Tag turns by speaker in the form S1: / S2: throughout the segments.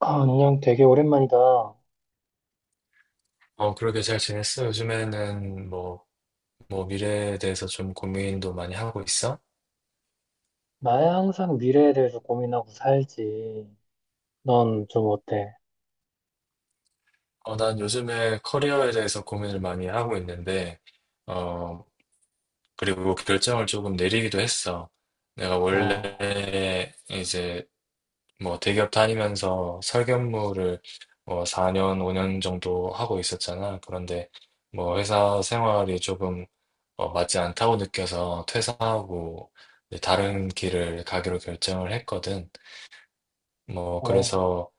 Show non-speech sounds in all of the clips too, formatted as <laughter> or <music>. S1: 아, 안녕, 되게 오랜만이다.
S2: 그러게. 잘 지냈어? 요즘에는 뭐, 미래에 대해서 좀 고민도 많이 하고 있어?
S1: 나야 항상 미래에 대해서 고민하고 살지. 넌 좀 어때?
S2: 난 요즘에 커리어에 대해서 고민을 많이 하고 있는데, 어, 그리고 결정을 조금 내리기도 했어. 내가
S1: 어,
S2: 원래 이제 뭐 대기업 다니면서 설계업무를 뭐 4년, 5년 정도 하고 있었잖아. 그런데 뭐 회사 생활이 조금 맞지 않다고 느껴서 퇴사하고 이제 다른 길을 가기로 결정을 했거든. 뭐
S1: 어,
S2: 그래서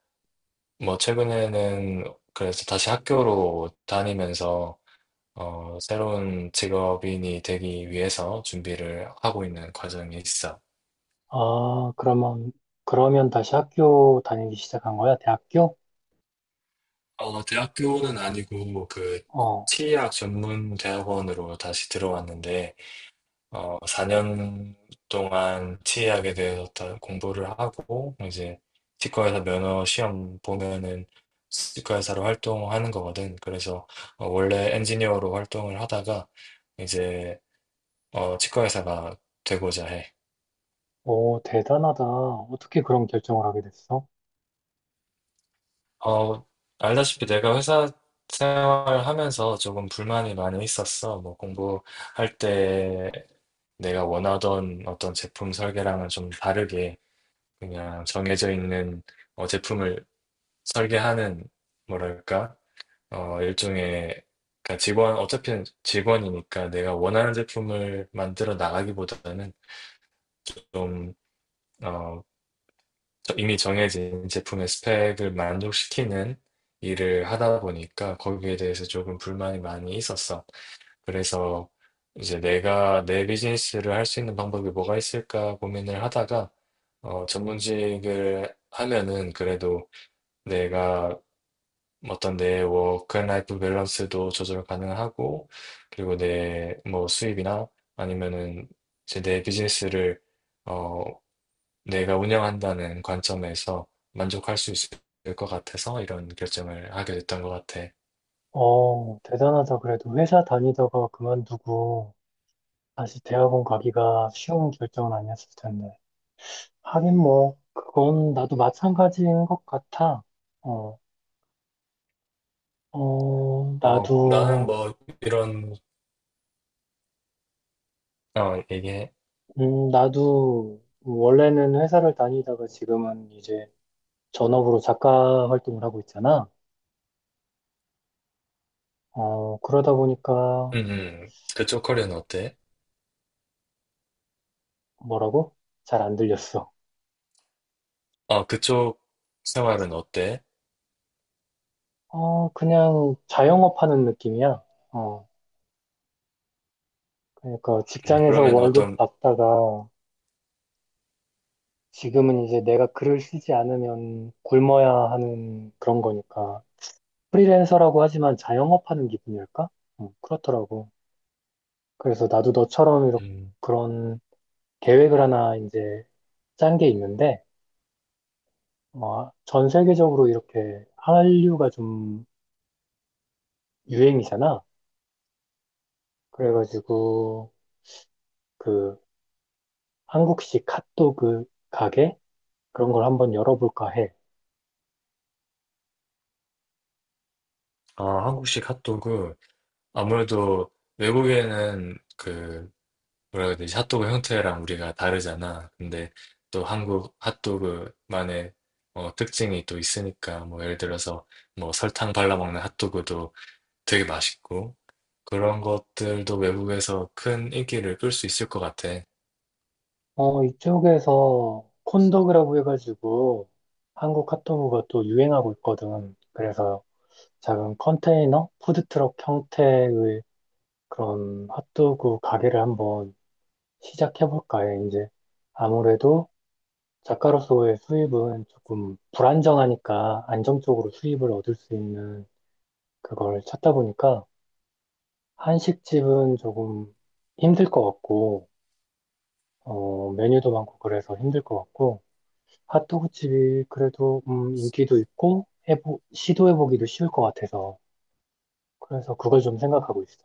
S2: 뭐 최근에는 그래서 다시 학교로 다니면서 새로운 직업인이 되기 위해서 준비를 하고 있는 과정이 있어.
S1: 아, 그러면 다시 학교 다니기 시작한 거야? 대학교?
S2: 대학교는 아니고 그
S1: 어,
S2: 치의학 전문 대학원으로 다시 들어왔는데 4년 동안 치 a 하게 되었다 공부를 하고, 이제 치과에서 면허 시험 보면은 치과의사로 활동하는 거거든. 그래서 원래 엔지니어로 활동을 하다가 이제 치과의사가 되고자 해.
S1: 오, 대단하다. 어떻게 그런 결정을 하게 됐어?
S2: 어, 알다시피 내가 회사 생활하면서 조금 불만이 많이 있었어. 뭐 공부할 때 내가 원하던 어떤 제품 설계랑은 좀 다르게 그냥 정해져 있는 제품을 설계하는 뭐랄까 일종의 그러니까 직원이니까 내가 원하는 제품을 만들어 나가기보다는 좀 어 이미 정해진 제품의 스펙을 만족시키는 일을 하다 보니까 거기에 대해서 조금 불만이 많이 있었어. 그래서 이제 내가 내 비즈니스를 할 수 있는 방법이 뭐가 있을까 고민을 하다가 전문직을 하면은 그래도 내가 어떤 내 워크앤라이프 밸런스도 조절 가능하고 그리고 내 뭐 수입이나 아니면은 이제 내 비즈니스를 어 내가 운영한다는 관점에서 만족할 수 있을 것 같아서 이런 결정을 하게 됐던 것 같아.
S1: 어, 대단하다. 그래도 회사 다니다가 그만두고 다시 대학원 가기가 쉬운 결정은 아니었을 텐데. 하긴 뭐, 그건 나도 마찬가지인 것 같아. 어,
S2: 나는
S1: 나도
S2: 뭐 이런 얘기해.
S1: 나도 원래는 회사를 다니다가 지금은 이제 전업으로 작가 활동을 하고 있잖아. 어, 그러다 보니까
S2: 그쪽 커리어는 어때?
S1: 뭐라고? 잘 안 들렸어.
S2: 그쪽 생활은 어때?
S1: 어, 그냥 자영업 하는 느낌이야. 어, 그러니까 직장에서
S2: 그러면
S1: 월급
S2: 어떤
S1: 받다가 지금은 이제 내가 글을 쓰지 않으면 굶어야 하는 그런 거니까. 프리랜서라고 하지만 자영업 하는 기분일까? 그렇더라고. 그래서 나도 너처럼 이렇게
S2: 음,
S1: 그런 계획을 하나 이제 짠 게 있는데, 어, 전 세계적으로 이렇게 한류가 좀 유행이잖아. 그래가지고, 그, 한국식 핫도그 가게? 그런 걸 한번 열어볼까 해.
S2: 아, 한국식 핫도그. 아무래도 외국에는 그 뭐라 해야 되지? 핫도그 형태랑 우리가 다르잖아. 근데 또 한국 핫도그만의 특징이 또 있으니까 뭐 예를 들어서 뭐 설탕 발라 먹는 핫도그도 되게 맛있고 그런 것들도 외국에서 큰 인기를 끌 수 있을 것 같아.
S1: 어, 이쪽에서 콘도그라고 해가지고, 한국 핫도그가 또 유행하고 있거든. 그래서 작은 컨테이너? 푸드트럭 형태의 그런 핫도그 가게를 한번 시작해볼까 해. 이제 아무래도 작가로서의 수입은 조금 불안정하니까 안정적으로 수입을 얻을 수 있는 그걸 찾다 보니까 한식집은 조금 힘들 것 같고, 어, 메뉴도 많고 그래서 힘들 것 같고, 핫도그집이 그래도 인기도 있고, 시도해보기도 쉬울 것 같아서, 그래서 그걸 좀 생각하고 있어.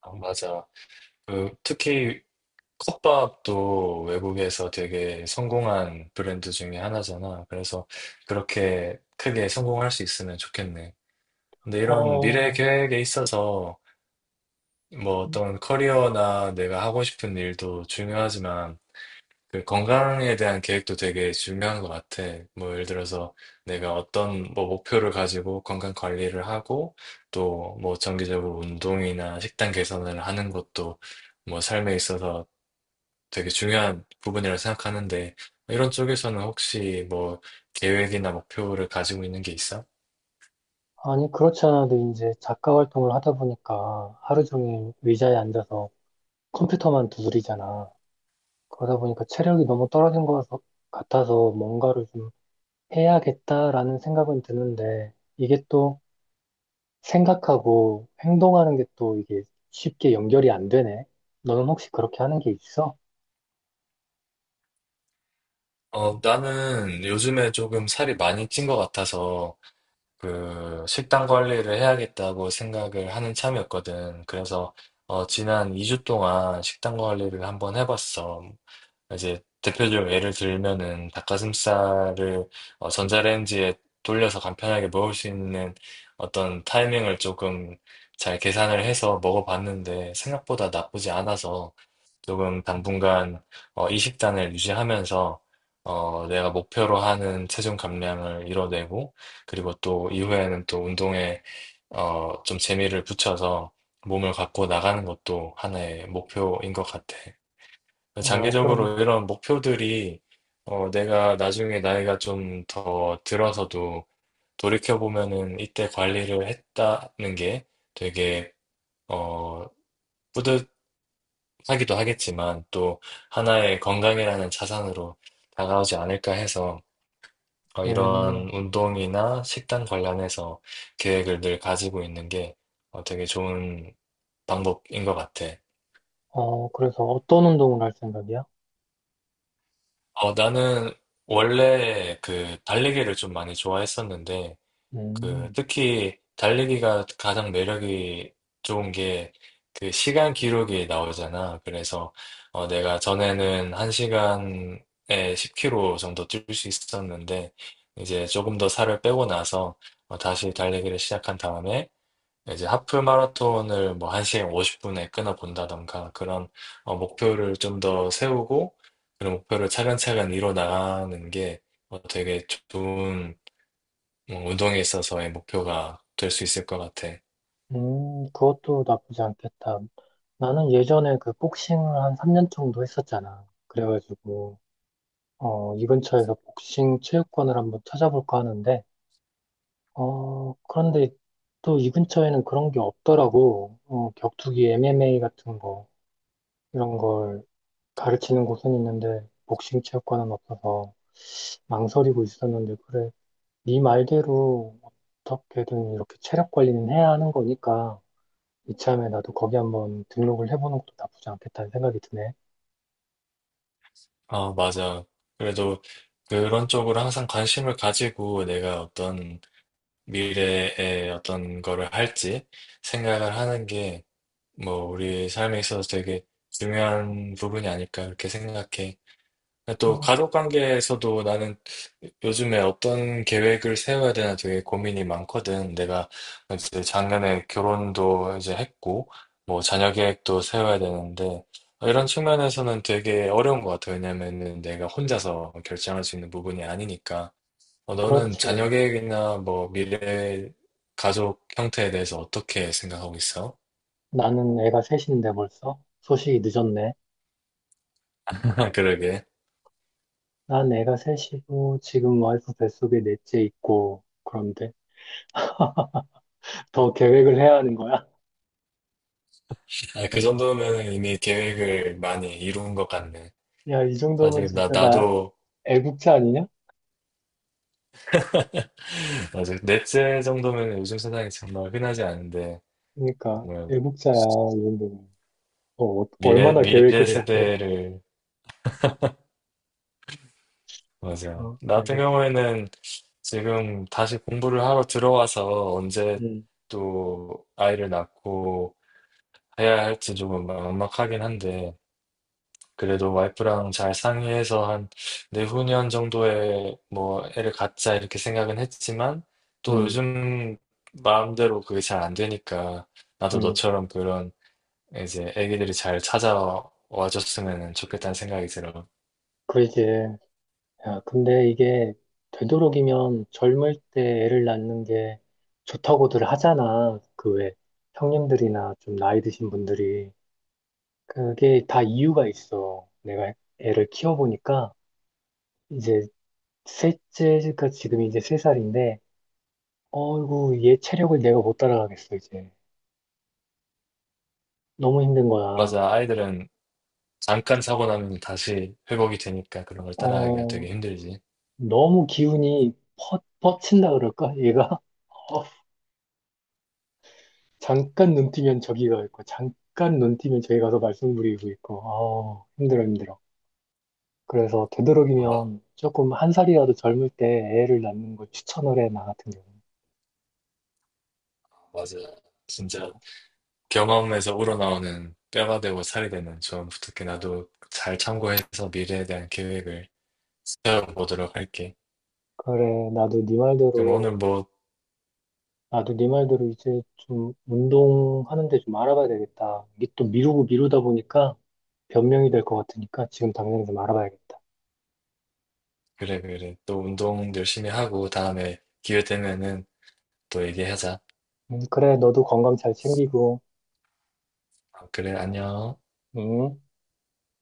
S2: 아, 맞아. 그 특히 컵밥도 외국에서 되게 성공한 브랜드 중에 하나잖아. 그래서 그렇게 크게 성공할 수 있으면 좋겠네. 근데 이런 미래
S1: 어,
S2: 계획에 있어서 뭐 어떤 커리어나 내가 하고 싶은 일도 중요하지만 그 건강에 대한 계획도 되게 중요한 것 같아. 뭐 예를 들어서 내가 어떤 뭐 목표를 가지고 건강 관리를 하고 또 뭐 정기적으로 운동이나 식단 개선을 하는 것도 뭐 삶에 있어서 되게 중요한 부분이라 생각하는데 이런 쪽에서는 혹시 뭐 계획이나 목표를 가지고 있는 게 있어?
S1: 아니, 그렇지 않아도 이제 작가 활동을 하다 보니까 하루 종일 의자에 앉아서 컴퓨터만 두드리잖아. 그러다 보니까 체력이 너무 떨어진 것 같아서 뭔가를 좀 해야겠다라는 생각은 드는데 이게 또 생각하고 행동하는 게 또 이게 쉽게 연결이 안 되네. 너는 혹시 그렇게 하는 게 있어?
S2: 나는 요즘에 조금 살이 많이 찐 것 같아서 그 식단 관리를 해야겠다고 생각을 하는 참이었거든. 그래서 지난 2주 동안 식단 관리를 한번 해봤어. 이제 대표적으로 예를 들면은 닭가슴살을 전자레인지에 돌려서 간편하게 먹을 수 있는 어떤 타이밍을 조금 잘 계산을 해서 먹어봤는데 생각보다 나쁘지 않아서 조금
S1: 음.
S2: 당분간 이 식단을 유지하면서 내가 목표로 하는 체중 감량을 이뤄내고 그리고 또 이후에는 또 운동에 좀 재미를 붙여서 몸을 갖고 나가는 것도 하나의 목표인 것 같아.
S1: 어, 그럼,
S2: 장기적으로 이런 목표들이 내가 나중에 나이가 좀 더 들어서도 돌이켜보면은 이때 관리를 했다는 게 되게 어, 뿌듯하기도 하겠지만 또 하나의 건강이라는 자산으로 다가오지 않을까 해서 이런
S1: 음,
S2: 운동이나 식단 관련해서 계획을 늘 가지고 있는 게 되게 좋은 방법인 것 같아.
S1: 어, 그래서 어떤 운동을 할 생각이야?
S2: 나는 원래 그 달리기를 좀 많이 좋아했었는데 그
S1: 음,
S2: 특히 달리기가 가장 매력이 좋은 게 그 시간 기록이 나오잖아. 그래서 내가 전에는 1시간에 10km 정도 뛸 수 있었는데 이제 조금 더 살을 빼고 나서 다시 달리기를 시작한 다음에 이제 하프 마라톤을 뭐 1시간 50분에 끊어본다던가 그런 목표를 좀 더 세우고 그런 목표를 차근차근 이뤄 나가는 게 되게 좋은 뭐 운동에 있어서의 목표가 될 수 있을 것 같아.
S1: 그것도 나쁘지 않겠다. 나는 예전에 그 복싱을 한 3년 정도 했었잖아. 그래가지고, 어, 이 근처에서 복싱 체육관을 한번 찾아볼까 하는데, 어, 그런데 또 이 근처에는 그런 게 없더라고. 어, 격투기 MMA 같은 거, 이런 걸 가르치는 곳은 있는데, 복싱 체육관은 없어서 망설이고 있었는데, 그래. 네 말대로 어떻게든 이렇게 체력 관리는 해야 하는 거니까, 이참에 나도 거기 한번 등록을 해보는 것도 나쁘지 않겠다는 생각이 드네.
S2: 아, 맞아. 그래도 그런 쪽으로 항상 관심을 가지고 내가 어떤 미래에 어떤 거를 할지 생각을 하는 게 뭐 우리 삶에 있어서 되게 중요한 부분이 아닐까 그렇게 생각해. 또
S1: 음,
S2: 가족 관계에서도 나는 요즘에 어떤 계획을 세워야 되나 되게 고민이 많거든. 내가 이제 작년에 결혼도 이제 했고, 뭐 자녀 계획도 세워야 되는데, 이런 측면에서는 되게 어려운 것 같아. 왜냐면은 내가 혼자서 결정할 수 있는 부분이 아니니까. 너는 자녀
S1: 그렇지.
S2: 계획이나 뭐 미래 가족 형태에 대해서 어떻게 생각하고 있어?
S1: 나는 애가 셋인데 벌써? 소식이 늦었네.
S2: <laughs> 그러게.
S1: 난 애가 셋이고, 지금 와이프 뱃속에 넷째 있고, 그런데 더 계획을 해야 하는 거야?
S2: 아, 그 정도면 이미 계획을 많이 이룬 것 같네.
S1: 야, 이 정도면
S2: 사실 나,
S1: 진짜 나
S2: 나도
S1: 애국자 아니냐?
S2: 맞아요. 넷째 정도면 요즘 세상에 정말 흔하지 않은데,
S1: 그러니까
S2: 정말
S1: 애국자야, 이 정도면. 어,
S2: 미래,
S1: 얼마나
S2: 미래
S1: 계획을 해야 돼?
S2: 세대를, 맞아요.
S1: 어,
S2: 나 같은
S1: 알겠어.
S2: 경우에는 지금 다시 공부를 하러 들어와서 언제
S1: 음,
S2: 또 아이를 낳고 해야 할지 조금 막막하긴 한데, 그래도 와이프랑 잘 상의해서 한 내후년 정도에 뭐 애를 갖자 이렇게 생각은 했지만, 또
S1: 음,
S2: 요즘 마음대로 그게 잘 안 되니까, 나도
S1: 음.
S2: 너처럼 그런 이제 애기들이 잘 찾아와 줬으면 좋겠다는 생각이 들어.
S1: 그러지. 야, 근데 이게 되도록이면 젊을 때 애를 낳는 게 좋다고들 하잖아. 그 왜 형님들이나 좀 나이 드신 분들이. 그게 다 이유가 있어. 내가 애를 키워보니까 이제 셋째가 지금 이제 세 살인데 어이구, 얘 체력을 내가 못 따라가겠어, 이제. 너무 힘든 거야.
S2: 맞아, 아이들은 잠깐 사고 나면 다시 회복이 되니까 그런 걸 따라하기가
S1: 어,
S2: 되게 힘들지.
S1: 너무 기운이 퍼친다 그럴까? 얘가? <laughs> 어, 잠깐 눈 뜨면 저기 가 있고, 잠깐 눈 뜨면 저기 가서 말썽 부리고 있고, 아 힘들어, 힘들어. 그래서
S2: 아마,
S1: 되도록이면 조금 한 살이라도 젊을 때 애를 낳는 걸 추천을 해, 나 같은 경우는.
S2: 맞아.
S1: 어,
S2: 진짜 경험에서 우러나오는 뼈가 되고 살이 되는 조언 부탁해. 나도 잘 참고해서 미래에 대한 계획을 세워보도록 할게.
S1: 그래,
S2: 그럼 오늘 뭐,
S1: 나도 네 말대로 이제 좀 운동하는데 좀 알아봐야 되겠다. 이게 또 미루고 미루다 보니까 변명이 될 것 같으니까 지금 당장 좀 알아봐야겠다.
S2: 그래, 그래. 또 운동 열심히 하고 다음에 기회 되면은 또 얘기하자.
S1: 그래, 너도 건강 잘 챙기고,
S2: 아, 그래, 안녕.
S1: 응?